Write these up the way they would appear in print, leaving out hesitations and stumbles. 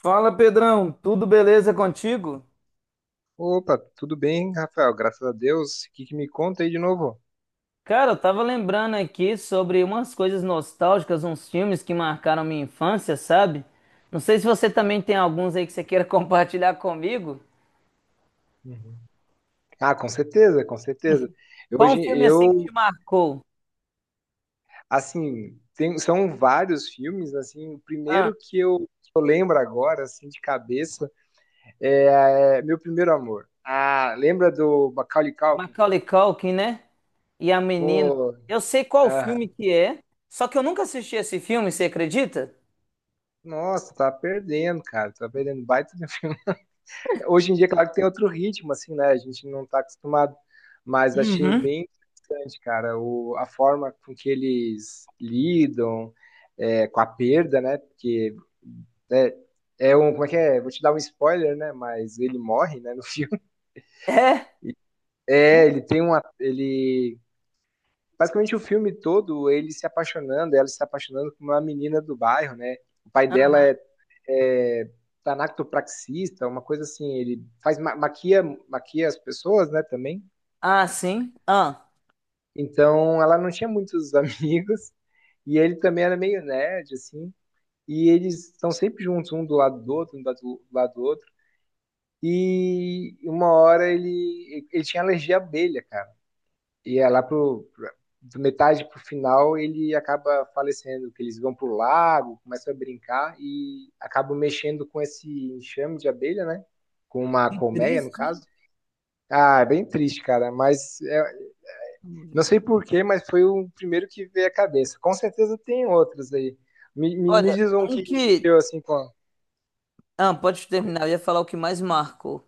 Fala, Pedrão, tudo beleza contigo? Opa, tudo bem, Rafael? Graças a Deus. O que que me conta aí de novo? Cara, eu tava lembrando aqui sobre umas coisas nostálgicas, uns filmes que marcaram minha infância, sabe? Não sei se você também tem alguns aí que você queira compartilhar comigo. Uhum. Ah, com certeza, com certeza. Qual um Hoje filme assim que eu, te marcou? assim, tem, são vários filmes, assim, o Ah, primeiro que eu lembro agora, assim, de cabeça, é Meu Primeiro Amor. Ah, lembra do Macaulay Culkin? Macaulay Culkin, né? E a menina. Pô, Eu sei qual filme aham. que é, só que eu nunca assisti esse filme, você acredita? Nossa, tá perdendo, cara, tá perdendo baita de um filme. Hoje em dia, claro que tem outro ritmo, assim, né? A gente não tá acostumado, mas achei Uhum. bem interessante, cara, a forma com que eles lidam com a perda, né? Porque é, é um, como é que é? Vou te dar um spoiler, né? Mas ele morre, né, no filme. É? Uh, É, ele tem uma, ele basicamente o filme todo ele se apaixonando, ela se apaixonando por uma menina do bairro, né? O pai dela é aham. é, tanactopraxista, uma coisa assim, ele faz maquia, maquia as pessoas, né, também. Ah, sim. Ah, Então, ela não tinha muitos amigos e ele também era meio nerd, assim. E eles estão sempre juntos, um do lado do outro, um do lado do outro. E uma hora ele tinha alergia à abelha, cara. E é do metade pro final ele acaba falecendo, que eles vão pro lago, começam a brincar e acabam mexendo com esse enxame de abelha, né? Com uma colmeia, no caso. Ah, é bem triste, cara, mas é, não sei por quê, mas foi o primeiro que veio à cabeça. Com certeza tem outros aí. Me olha, diz um um que que. mexeu assim com. Ah, pode com- terminar, eu ia falar o que mais marcou.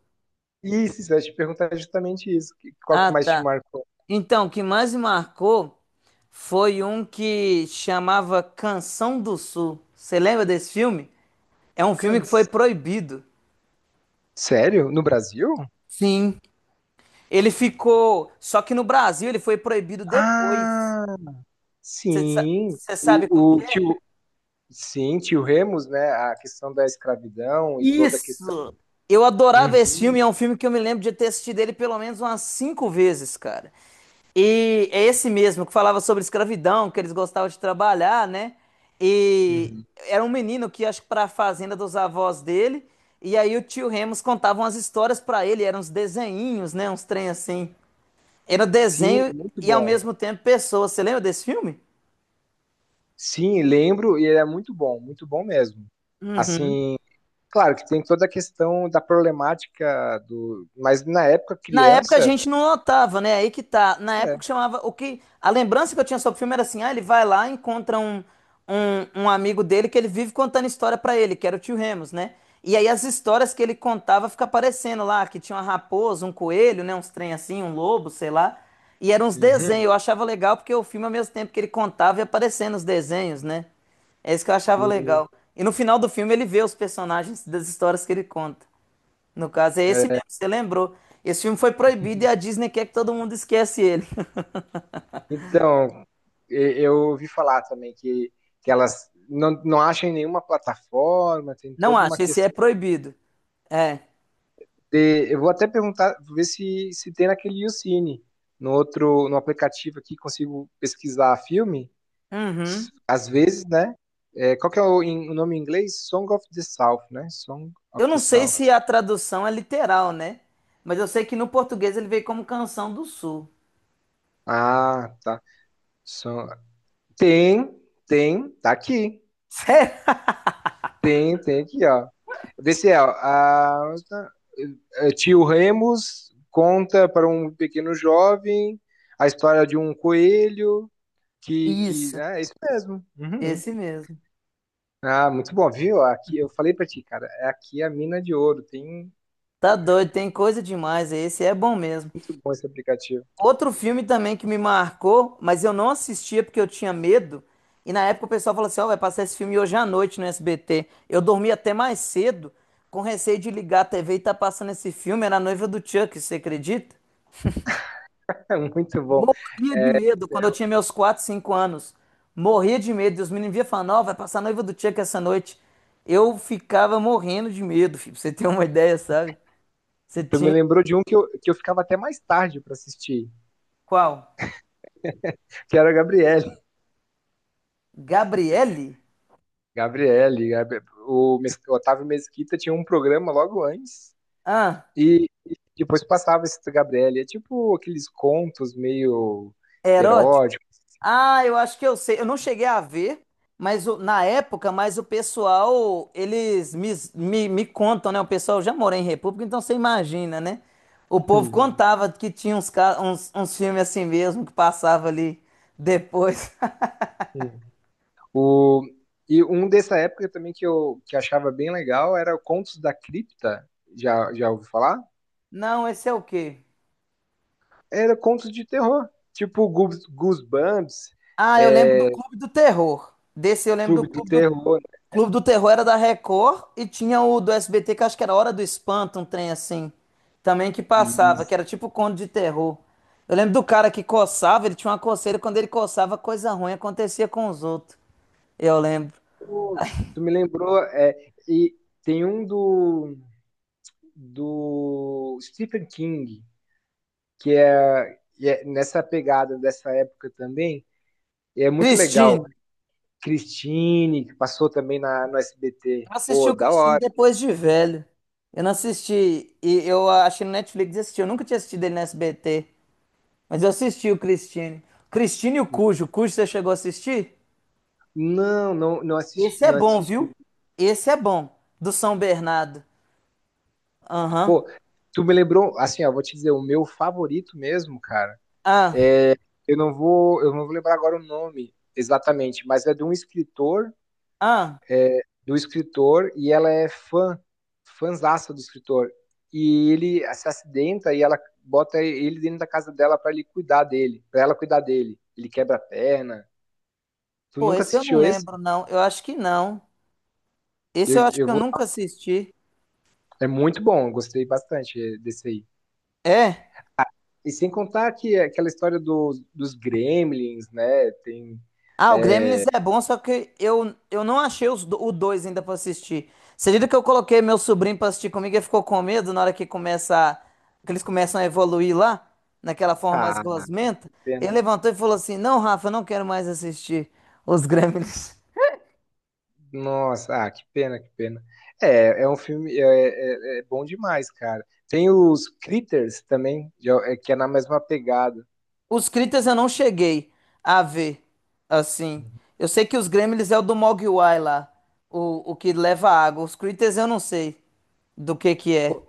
Isso, eu ia te perguntar justamente isso. Qual que Ah, mais te tá. marcou? Então, o que mais me marcou foi um que chamava Canção do Sul. Você lembra desse filme? É um filme que foi Cans. proibido. Sério? No Brasil? Sim. Ele ficou. Só que no Brasil ele foi proibido depois. Ah, Você sa- sim, você sabe qual que o é? tio, sim, tio Remus, né? A questão da escravidão e toda a questão. Isso! Eu adorava esse filme, Uhum, é um filme que eu me lembro de ter assistido ele pelo menos umas 5 vezes, cara. E é esse mesmo que falava sobre escravidão, que eles gostavam de trabalhar, né? E uhum. era um menino que acho que para a fazenda dos avós dele, e aí o tio Remus contava umas histórias para ele, eram uns desenhinhos, né? Uns trem assim. Era Sim, desenho muito e ao bom. mesmo tempo pessoa. Você lembra desse filme? Sim, lembro e é muito bom mesmo. Assim, claro que tem toda a questão da problemática do, mas na época Na época a criança, gente não notava, né? Aí que tá. Na é. época chamava o que a lembrança que eu tinha sobre o filme era assim, ah, ele vai lá, encontra um, um amigo dele que ele vive contando história pra ele, que era o tio Remus, né? E aí as histórias que ele contava fica aparecendo lá, que tinha uma raposa, um coelho, né, uns trem assim, um lobo, sei lá. E eram uns desenhos, Uhum. eu achava legal porque o filme ao mesmo tempo que ele contava ia aparecendo os desenhos, né? É isso que eu achava Sim. legal. E no final do filme ele vê os personagens das histórias que ele conta. No caso, é esse É. mesmo, você lembrou. Esse filme foi proibido e a Disney quer que todo mundo esquece ele. Então, e- eu ouvi falar também que elas não acham em nenhuma plataforma, tem Não toda uma acho, esse é questão. proibido. É. Eu vou até perguntar, ver se, se tem naquele YouCine, no outro, no aplicativo aqui, consigo pesquisar filme, Uhum. Às vezes, né? É, qual que é o nome em inglês? Song of the South, né? Song of Eu the não sei South. se a tradução é literal, né? Mas eu sei que no português ele veio como Canção do Sul. Ah, tá. Son- Tem, tem, tá aqui. Sério? Tem, tem aqui, ó. Vê se é, ó. Ah, tá. É, Tio Remus conta para um pequeno jovem a história de um coelho. Que, Isso, é é isso mesmo. Uhum. esse mesmo. Ah, muito bom, viu? Aqui, eu falei pra ti, cara, é aqui a mina de ouro. Tem Tá doido, tem coisa demais. Esse é bom mesmo. muito bom esse aplicativo. Outro filme também que me marcou, mas eu não assistia porque eu tinha medo. E na época o pessoal falou assim: Ó, vai passar esse filme hoje à noite no SBT. Eu dormi até mais cedo, com receio de ligar a TV e tá passando esse filme. Era a noiva do Chuck, você acredita? É muito bom. Morria de É, medo quando eu eu- tinha meus 4, 5 anos. Morria de medo. E os meninos vinham falando: Ó, vai passar a noiva do Chuck essa noite. Eu ficava morrendo de medo, filho, pra você ter uma ideia, sabe? Você tu me tinha. lembrou de um que eu ficava até mais tarde pra assistir, Qual? que era a Gabriele. Gabriele? Gabriele, o Otávio Mesquita tinha um programa logo antes Ah, e depois passava esse da Gabriele. É tipo aqueles contos meio eróticos. Ah, eu acho que eu sei. Eu não cheguei a ver, mas na época, mas o pessoal, eles me, contam, né? O pessoal já mora em República, então você imagina, né? O povo contava que tinha uns filmes assim mesmo que passava ali depois. Hum. O, e um dessa época também que eu que achava bem legal era o Contos da Cripta. Já, já ouviu falar? Não, esse é o quê? Era contos de terror. Tipo Goosebumps, Ah, eu lembro do é, Clube do Terror. Desse eu lembro do Clube do Clube do Terror. Clube do Terror. Era da Record e tinha o do SBT, que acho que era Hora do Espanto, um trem assim. Também que E passava, que isso, era tipo conto de terror. Eu lembro do cara que coçava, ele tinha uma coceira, quando ele coçava, coisa ruim acontecia com os outros. Eu lembro. pô, tu me lembrou. É, e tem um do, do Stephen King, que é, e é nessa pegada dessa época também. E é muito legal. Cristine. Christine, que passou também na, no SBT. Eu assisti Pô, o da Cristine hora. depois de velho. Eu não assisti, e eu achei no Netflix e assisti. Eu nunca tinha assistido ele no SBT, mas eu assisti o Cristine. Cristine e o Cujo. O Cujo você chegou a assistir? Não Esse assisti, é não bom, viu? assisti. Esse é bom, do São Bernardo. Aham. Pô, tu me lembrou, assim, ó, vou te dizer, o meu favorito mesmo, cara. Ah, Eu não vou lembrar agora o nome exatamente, mas é de um escritor, ah. do escritor, e ela é fã, fãzaça do escritor. E ele se acidenta e ela bota ele dentro da casa dela pra ele cuidar dele, pra ela cuidar dele. Ele quebra a perna. Tu Pô, nunca esse eu não assistiu esse? lembro, não. Eu acho que não. Esse Eu, eu acho que eu eu vou, nunca assisti. é muito bom, eu gostei bastante desse aí. É? E sem contar que é aquela história dos, dos gremlins, né? Tem. Ah, o Gremlins é bom, só que eu não achei os, o dois ainda pra assistir. Você acredita que eu coloquei meu sobrinho pra assistir comigo e ele ficou com medo na hora que começa, que eles começam a evoluir lá, naquela forma mais Ah, gosmenta? Ele pena. levantou e falou assim: Não, Rafa, eu não quero mais assistir os Gremlins. Nossa, ah, que pena, que pena. É, é um filme. É, é bom demais, cara. Tem os Critters também, é, que é na mesma pegada. Os Critas eu não cheguei a ver, assim. Eu sei que os Gremlins é o do Mogwai lá, o que leva água. Os Critas eu não sei do que é. Pô,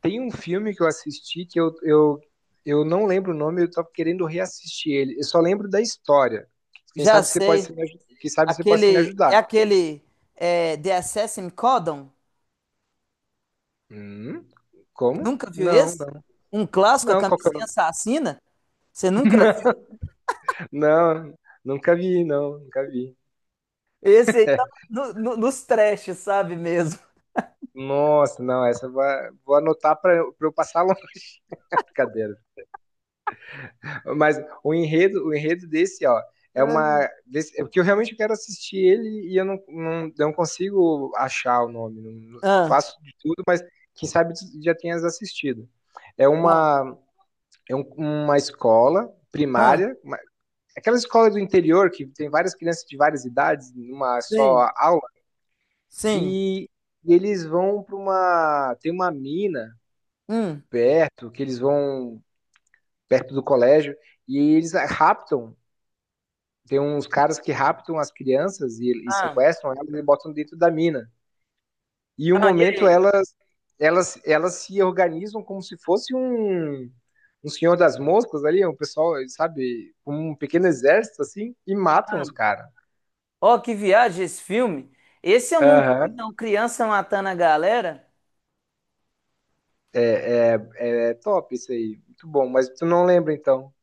tem um filme que eu assisti eu não lembro o nome, eu tava querendo reassistir ele. Eu só lembro da história. Quem Já sabe você pode se sei, me, aju- quem sabe você pode me aquele, é ajudar. aquele, The Assassin Codon. Hum? Como? Nunca viu Não, esse? não. Um clássico, a Não, qual que é camisinha o. assassina? Você nunca viu? Não, nunca vi, não, nunca vi. Esse aí tá nos trash, sabe mesmo? Nossa, não, essa eu vou, vou anotar para eu passar longe da cadeira. Mas o enredo desse, ó, é Hum. uma. Desse, é porque eu realmente quero assistir ele e eu não consigo achar o nome. Ah, Faço de tudo, mas quem sabe tu já tenhas assistido. É ah, uma, é uma escola ah, primária, aquela escola do interior que tem várias crianças de várias idades numa só sim, aula. sim. E eles vão para uma. Tem uma mina Hum, perto, que eles vão perto do colégio, e eles raptam. Tem uns caras que raptam as crianças e ah, sequestram elas e botam dentro da mina. E um ah, e momento aí? Elas se organizam como se fosse um, um senhor das moscas ali, um pessoal, sabe, um pequeno exército assim, e matam Ah. os caras. Ó, que viagem esse filme. Esse eu nunca vi, Aham. não. Criança matando a galera. É top isso aí. Muito bom. Mas tu não lembra então.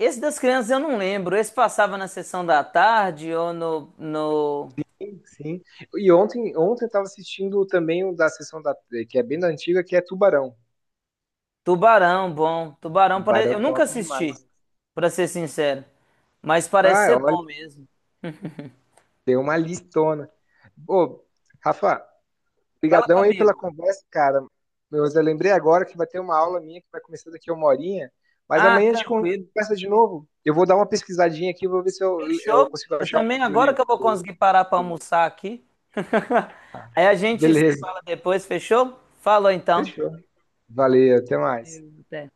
Esse das crianças eu não lembro. Esse passava na sessão da tarde ou no Sim, sim. E ontem eu tava assistindo também um da sessão da, que é bem da antiga, que é Tubarão. Tubarão, bom. Tubarão, Tubarão eu nunca top assisti, demais. pra ser sincero. Mas parece Ah, ser olha, bom mesmo. deu uma listona. Ô, Rafa, Fala brigadão aí comigo. pela conversa, cara. Mas eu lembrei agora que vai ter uma aula minha que vai começar daqui a uma horinha, mas Ah, amanhã a gente tranquilo. conversa de novo. Eu vou dar uma pesquisadinha aqui, vou ver se eu, eu Fechou. consigo Eu achar o também, nome do agora que eu vou livro. conseguir parar pra almoçar aqui. Aí a gente se Beleza. fala depois, fechou? Falou então. Fechou. Valeu, até mais. Até.